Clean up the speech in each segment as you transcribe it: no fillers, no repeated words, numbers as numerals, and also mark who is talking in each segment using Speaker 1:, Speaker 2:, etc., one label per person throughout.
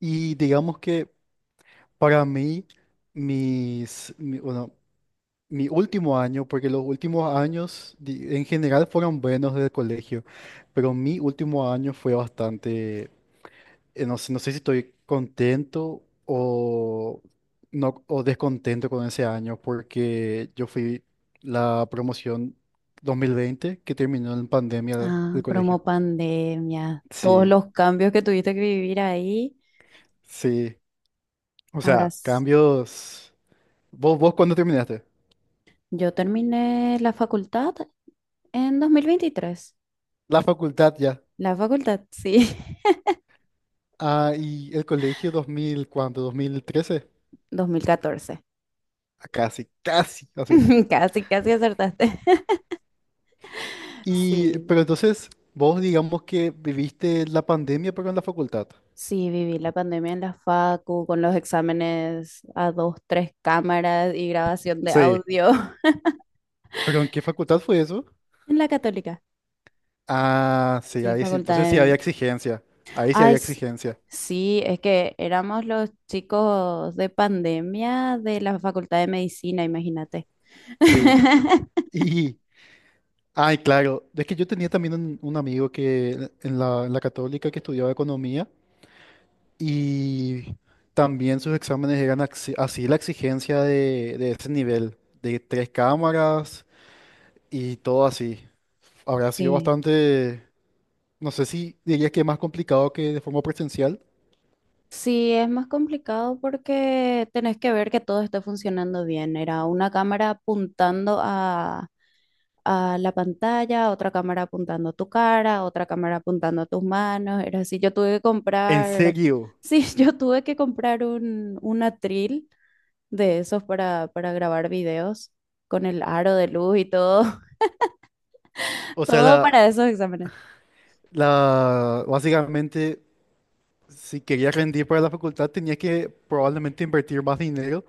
Speaker 1: Y digamos que para mí, mis, mi- bueno, mi último año, porque los últimos años en general fueron buenos desde el colegio, pero mi último año fue bastante, no sé, no sé si estoy contento o, no, o descontento con ese año, porque yo fui la promoción 2020 que terminó en pandemia
Speaker 2: Ah,
Speaker 1: del colegio.
Speaker 2: promo pandemia, todos
Speaker 1: Sí,
Speaker 2: los cambios que tuviste que vivir ahí.
Speaker 1: sí. O
Speaker 2: Ahora,
Speaker 1: sea, cambios. ¿Vos cuándo terminaste?
Speaker 2: yo terminé la facultad en 2023.
Speaker 1: La facultad ya.
Speaker 2: La facultad, sí.
Speaker 1: Ah, ¿y el colegio 2000, cuánto? ¿2013?
Speaker 2: 2014.
Speaker 1: Ah, casi, casi, hacete.
Speaker 2: Casi, casi acertaste.
Speaker 1: Y
Speaker 2: Sí,
Speaker 1: pero entonces, vos digamos que viviste la pandemia, pero en la facultad.
Speaker 2: sí, viví la pandemia en la facu con los exámenes a dos, tres cámaras y grabación de
Speaker 1: Sí.
Speaker 2: audio.
Speaker 1: ¿Pero en qué facultad fue eso?
Speaker 2: En la Católica.
Speaker 1: Ah, sí,
Speaker 2: Sí,
Speaker 1: ahí sí.
Speaker 2: facultad
Speaker 1: Entonces sí había
Speaker 2: de,
Speaker 1: exigencia. Ahí sí
Speaker 2: Ay,
Speaker 1: había
Speaker 2: s-
Speaker 1: exigencia.
Speaker 2: sí, es que éramos los chicos de pandemia de la Facultad de Medicina, imagínate.
Speaker 1: Sí. Y, ay, claro. Es que yo tenía también un amigo que en la Católica que estudiaba economía. Y también sus exámenes eran así la exigencia de ese nivel, de tres cámaras y todo así. Habrá sido
Speaker 2: Sí.
Speaker 1: bastante, no sé si dirías que más complicado que de forma presencial.
Speaker 2: Sí, es más complicado porque tenés que ver que todo esté funcionando bien. Era una cámara apuntando a la pantalla, otra cámara apuntando a tu cara, otra cámara apuntando a tus manos. Era así, yo tuve que
Speaker 1: ¿En
Speaker 2: comprar,
Speaker 1: serio?
Speaker 2: sí, yo tuve que comprar un atril de esos para grabar videos con el aro de luz y todo.
Speaker 1: O sea,
Speaker 2: Todo para esos exámenes.
Speaker 1: básicamente, si quería rendir para la facultad, tenía que probablemente invertir más dinero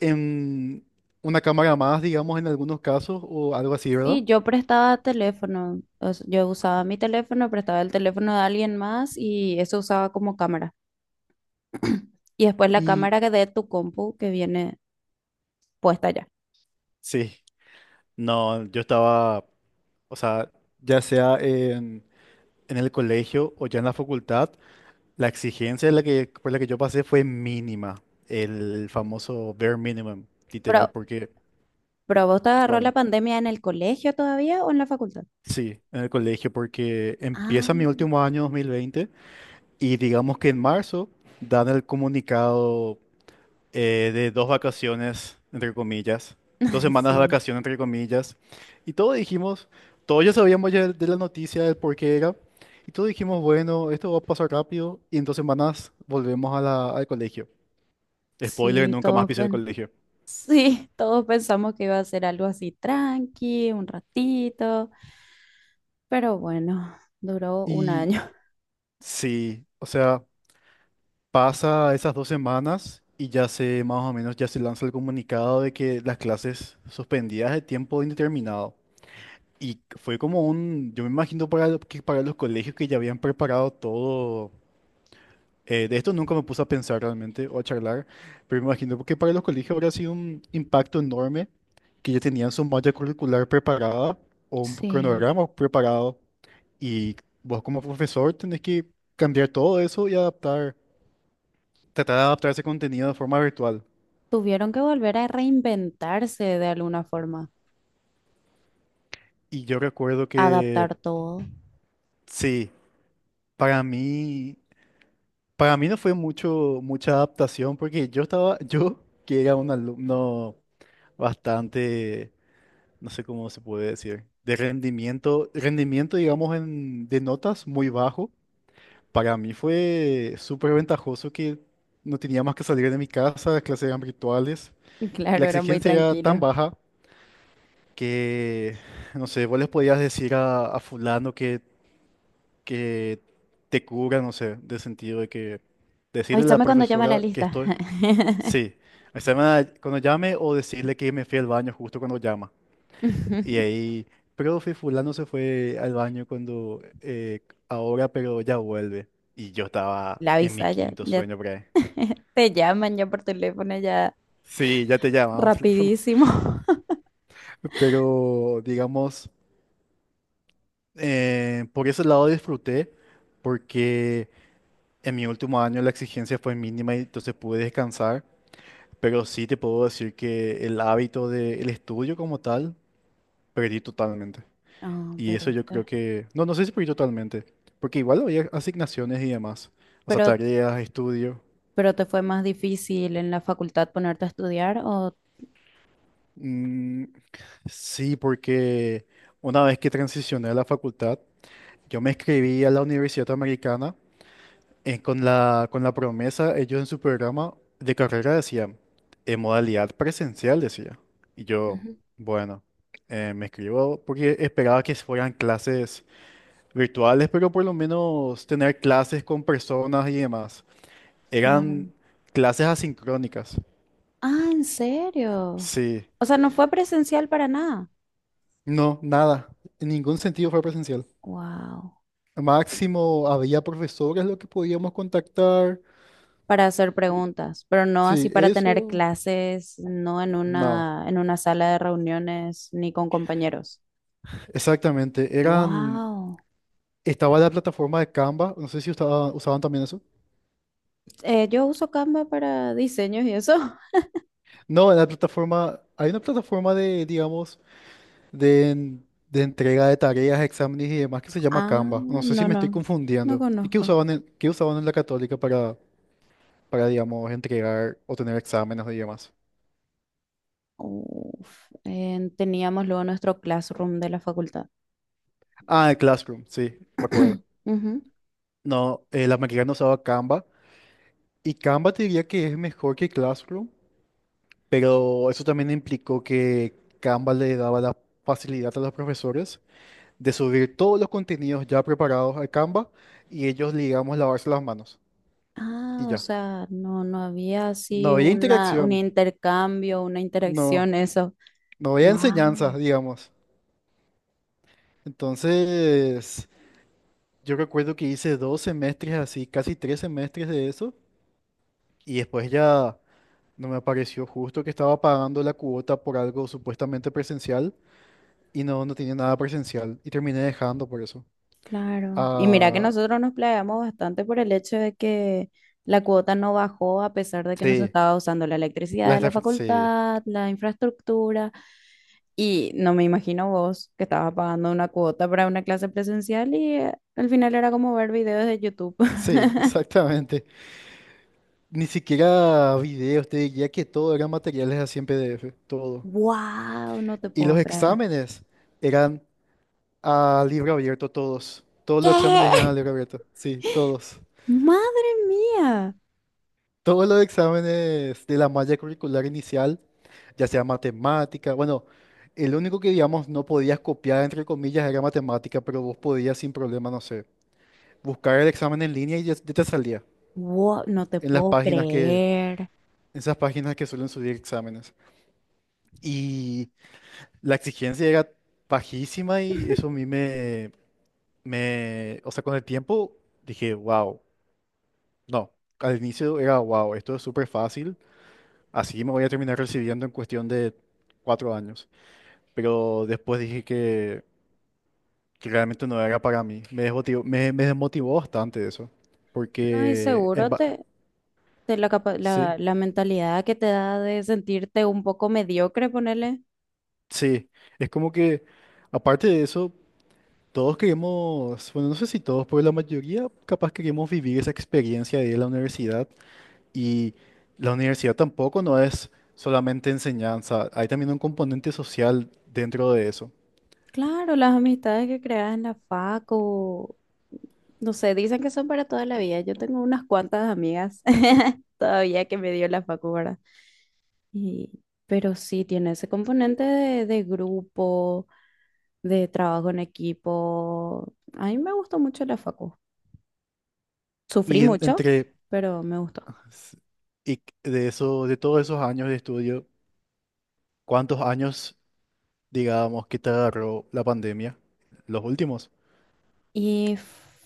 Speaker 1: en una cámara más, digamos, en algunos casos o algo así, ¿verdad?
Speaker 2: Sí, yo prestaba teléfono, o sea, yo usaba mi teléfono, prestaba el teléfono de alguien más y eso usaba como cámara. Y después la
Speaker 1: Y
Speaker 2: cámara que de tu compu que viene puesta ya.
Speaker 1: sí, no, yo estaba, o sea, ya sea en el colegio o ya en la facultad, la exigencia de la que, por la que yo pasé fue mínima, el famoso bare minimum,
Speaker 2: Pero,
Speaker 1: literal, porque,
Speaker 2: pero ¿vos te agarró la
Speaker 1: ¿cómo?
Speaker 2: pandemia en el colegio todavía o en la facultad?
Speaker 1: Sí, en el colegio, porque
Speaker 2: Ah,
Speaker 1: empieza mi último año 2020. Y digamos que en marzo dan el comunicado, de dos vacaciones, entre comillas, dos semanas de
Speaker 2: sí,
Speaker 1: vacaciones, entre comillas. Y todos dijimos, todos ya sabíamos ya de la noticia, del por qué era. Y todos dijimos, bueno, esto va a pasar rápido y en dos semanas volvemos a al colegio. Spoiler,
Speaker 2: sí,
Speaker 1: nunca más pisé el colegio.
Speaker 2: sí, todos pensamos que iba a ser algo así tranqui, un ratito. Pero bueno, duró un
Speaker 1: Y
Speaker 2: año.
Speaker 1: sí, o sea, pasa esas dos semanas y ya se, más o menos, ya se lanza el comunicado de que las clases suspendidas de tiempo indeterminado. Y fue como un, yo me imagino para, que para los colegios que ya habían preparado todo, de esto nunca me puse a pensar realmente o a charlar, pero me imagino que para los colegios habría sido un impacto enorme que ya tenían su malla curricular preparada o un
Speaker 2: Sí,
Speaker 1: cronograma preparado, y vos como profesor tenés que cambiar todo eso y adaptar, tratar de adaptar ese contenido de forma virtual.
Speaker 2: tuvieron que volver a reinventarse de alguna forma,
Speaker 1: Y yo recuerdo que
Speaker 2: adaptar todo.
Speaker 1: sí, para mí... Para mí no fue mucho, mucha adaptación porque yo estaba, yo que era un alumno bastante, no sé cómo se puede decir, de rendimiento, rendimiento digamos en, de notas muy bajo. Para mí fue súper ventajoso que no tenía más que salir de mi casa, las clases eran virtuales.
Speaker 2: Y
Speaker 1: La
Speaker 2: claro, era muy
Speaker 1: exigencia era tan
Speaker 2: tranquilo.
Speaker 1: baja que, no sé, vos les podías decir a fulano que te cura, no sé, de sentido de que decirle a la
Speaker 2: Avísame cuando llama la
Speaker 1: profesora que
Speaker 2: lista.
Speaker 1: estoy. Sí, o sea, cuando llame o decirle que me fui al baño justo cuando llama. Y ahí, profe, fulano se fue al baño cuando ahora, pero ya vuelve. Y yo estaba
Speaker 2: La
Speaker 1: en mi
Speaker 2: avisa ya,
Speaker 1: quinto
Speaker 2: ya
Speaker 1: sueño por ahí.
Speaker 2: te llaman ya por teléfono, ya
Speaker 1: Sí, ya te llamaba por teléfono.
Speaker 2: rapidísimo.
Speaker 1: Pero, digamos, por ese lado disfruté, porque en mi último año la exigencia fue mínima y entonces pude descansar. Pero sí te puedo decir que el hábito del estudio como tal, perdí totalmente.
Speaker 2: Ah,
Speaker 1: Y eso yo creo
Speaker 2: perdiste.
Speaker 1: que, no, no sé si por ir totalmente, porque igual había asignaciones y demás, o sea,
Speaker 2: Pero,
Speaker 1: tareas, estudio.
Speaker 2: pero ¿te fue más difícil en la facultad ponerte a estudiar o...?
Speaker 1: Mm, sí, porque una vez que transicioné a la facultad, yo me inscribí a la Universidad Americana, con la promesa, ellos en su programa de carrera decían, en modalidad presencial, decía. Y yo,
Speaker 2: Ujú.
Speaker 1: bueno, me escribo porque esperaba que fueran clases virtuales, pero por lo menos tener clases con personas y demás. Eran
Speaker 2: Claro.
Speaker 1: clases asincrónicas.
Speaker 2: Ah, ¿en serio?
Speaker 1: Sí.
Speaker 2: O sea, no fue presencial para nada.
Speaker 1: No, nada. En ningún sentido fue presencial.
Speaker 2: Wow.
Speaker 1: Máximo había profesores lo que podíamos contactar.
Speaker 2: Para hacer preguntas, pero no así
Speaker 1: Sí,
Speaker 2: para tener
Speaker 1: eso.
Speaker 2: clases, no en
Speaker 1: No.
Speaker 2: una, en una sala de reuniones ni con compañeros.
Speaker 1: Exactamente. Eran.
Speaker 2: Wow.
Speaker 1: Estaba la plataforma de Canva. No sé si usaban también eso.
Speaker 2: Yo uso Canva para diseños y eso.
Speaker 1: No, la plataforma. Hay una plataforma de, digamos, de, de entrega de tareas, exámenes y demás que se llama
Speaker 2: Ah,
Speaker 1: Canva. No sé si
Speaker 2: no,
Speaker 1: me estoy
Speaker 2: no, no
Speaker 1: confundiendo. ¿Y
Speaker 2: conozco.
Speaker 1: qué usaban en la Católica para, digamos, entregar o tener exámenes y demás?
Speaker 2: Uf, teníamos luego nuestro classroom de la facultad.
Speaker 1: Ah, el Classroom, sí, me acuerdo.
Speaker 2: Ujú.
Speaker 1: No, la maquinaria usaba Canva y Canva te diría que es mejor que Classroom, pero eso también implicó que Canva le daba la facilidad a los profesores de subir todos los contenidos ya preparados al Canva y ellos, digamos, lavarse las manos y
Speaker 2: Ah, o
Speaker 1: ya.
Speaker 2: sea, no, no había
Speaker 1: No
Speaker 2: así
Speaker 1: había
Speaker 2: una, un
Speaker 1: interacción,
Speaker 2: intercambio, una
Speaker 1: no,
Speaker 2: interacción, eso.
Speaker 1: no había enseñanza,
Speaker 2: Wow.
Speaker 1: digamos. Entonces, yo recuerdo que hice dos semestres así, casi tres semestres de eso. Y después ya no me apareció justo que estaba pagando la cuota por algo supuestamente presencial y no, no tenía nada presencial. Y terminé dejando por eso.
Speaker 2: Claro. Y mira que
Speaker 1: Ah,
Speaker 2: nosotros nos playamos bastante por el hecho de que la cuota no bajó a pesar de que nos
Speaker 1: sí,
Speaker 2: estaba usando la electricidad de la
Speaker 1: sí,
Speaker 2: facultad, la infraestructura. Y no me imagino vos que estabas pagando una cuota para una clase presencial y al final era como ver videos de YouTube.
Speaker 1: sí, exactamente. Ni siquiera videos, te diría que todo eran materiales así en PDF, todo.
Speaker 2: ¡Wow! No te
Speaker 1: Y
Speaker 2: puedo
Speaker 1: los
Speaker 2: creer.
Speaker 1: exámenes eran a libro abierto todos. Todos los exámenes eran a
Speaker 2: ¿Qué?
Speaker 1: libro abierto, sí, todos.
Speaker 2: ¡Madre mía!
Speaker 1: Todos los exámenes de la malla curricular inicial, ya sea matemática, bueno, el único que, digamos, no podías copiar, entre comillas, era matemática, pero vos podías sin problema, no sé, buscar el examen en línea y ya, ya te salía
Speaker 2: ¡Wow! No te
Speaker 1: en las
Speaker 2: puedo
Speaker 1: páginas que,
Speaker 2: creer.
Speaker 1: esas páginas que suelen subir exámenes. Y la exigencia era bajísima y eso a mí o sea, con el tiempo dije, wow, no, al inicio era wow, esto es súper fácil. Así me voy a terminar recibiendo en cuestión de cuatro años. Pero después dije que realmente no era para mí. Me desmotivó, me desmotivó bastante eso.
Speaker 2: No, y
Speaker 1: Porque,
Speaker 2: seguro te,
Speaker 1: sí,
Speaker 2: la mentalidad que te da de sentirte un poco mediocre, ponerle.
Speaker 1: sí. Es como que, aparte de eso, todos queremos, bueno, no sé si todos, pero la mayoría capaz queremos vivir esa experiencia de ir a la universidad. Y la universidad tampoco no es solamente enseñanza. Hay también un componente social dentro de eso.
Speaker 2: Claro, las amistades que creas en la facu, no sé, dicen que son para toda la vida. Yo tengo unas cuantas amigas todavía que me dio la facu, ¿verdad? Y, pero sí, tiene ese componente de grupo, de trabajo en equipo. A mí me gustó mucho la facu. Sufrí
Speaker 1: Y en-
Speaker 2: mucho,
Speaker 1: entre
Speaker 2: pero me gustó.
Speaker 1: S- y de eso, de todos esos años de estudio, ¿cuántos años, digamos, que te agarró la pandemia? Los últimos.
Speaker 2: Y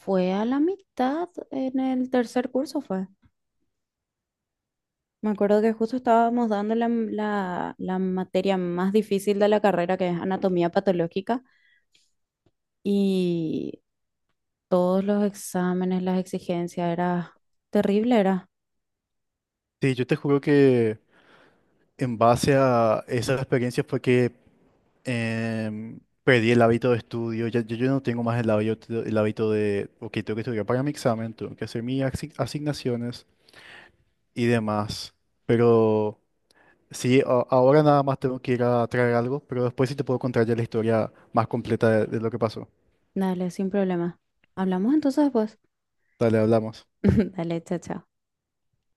Speaker 2: fue a la mitad en el tercer curso, fue. Me acuerdo que justo estábamos dando la materia más difícil de la carrera, que es anatomía patológica, y todos los exámenes, las exigencias, era terrible, era.
Speaker 1: Sí, yo te juro que en base a esa experiencia fue que em, perdí el hábito de estudio. Ya, yo no tengo más el hábito de, ok, tengo que estudiar para mi examen, tengo que hacer mis asignaciones y demás. Pero sí, ahora nada más tengo que ir a traer algo, pero después sí te puedo contar ya la historia más completa de lo que pasó.
Speaker 2: Dale, sin problema. Hablamos entonces después.
Speaker 1: Dale, hablamos.
Speaker 2: Dale, chao, chao.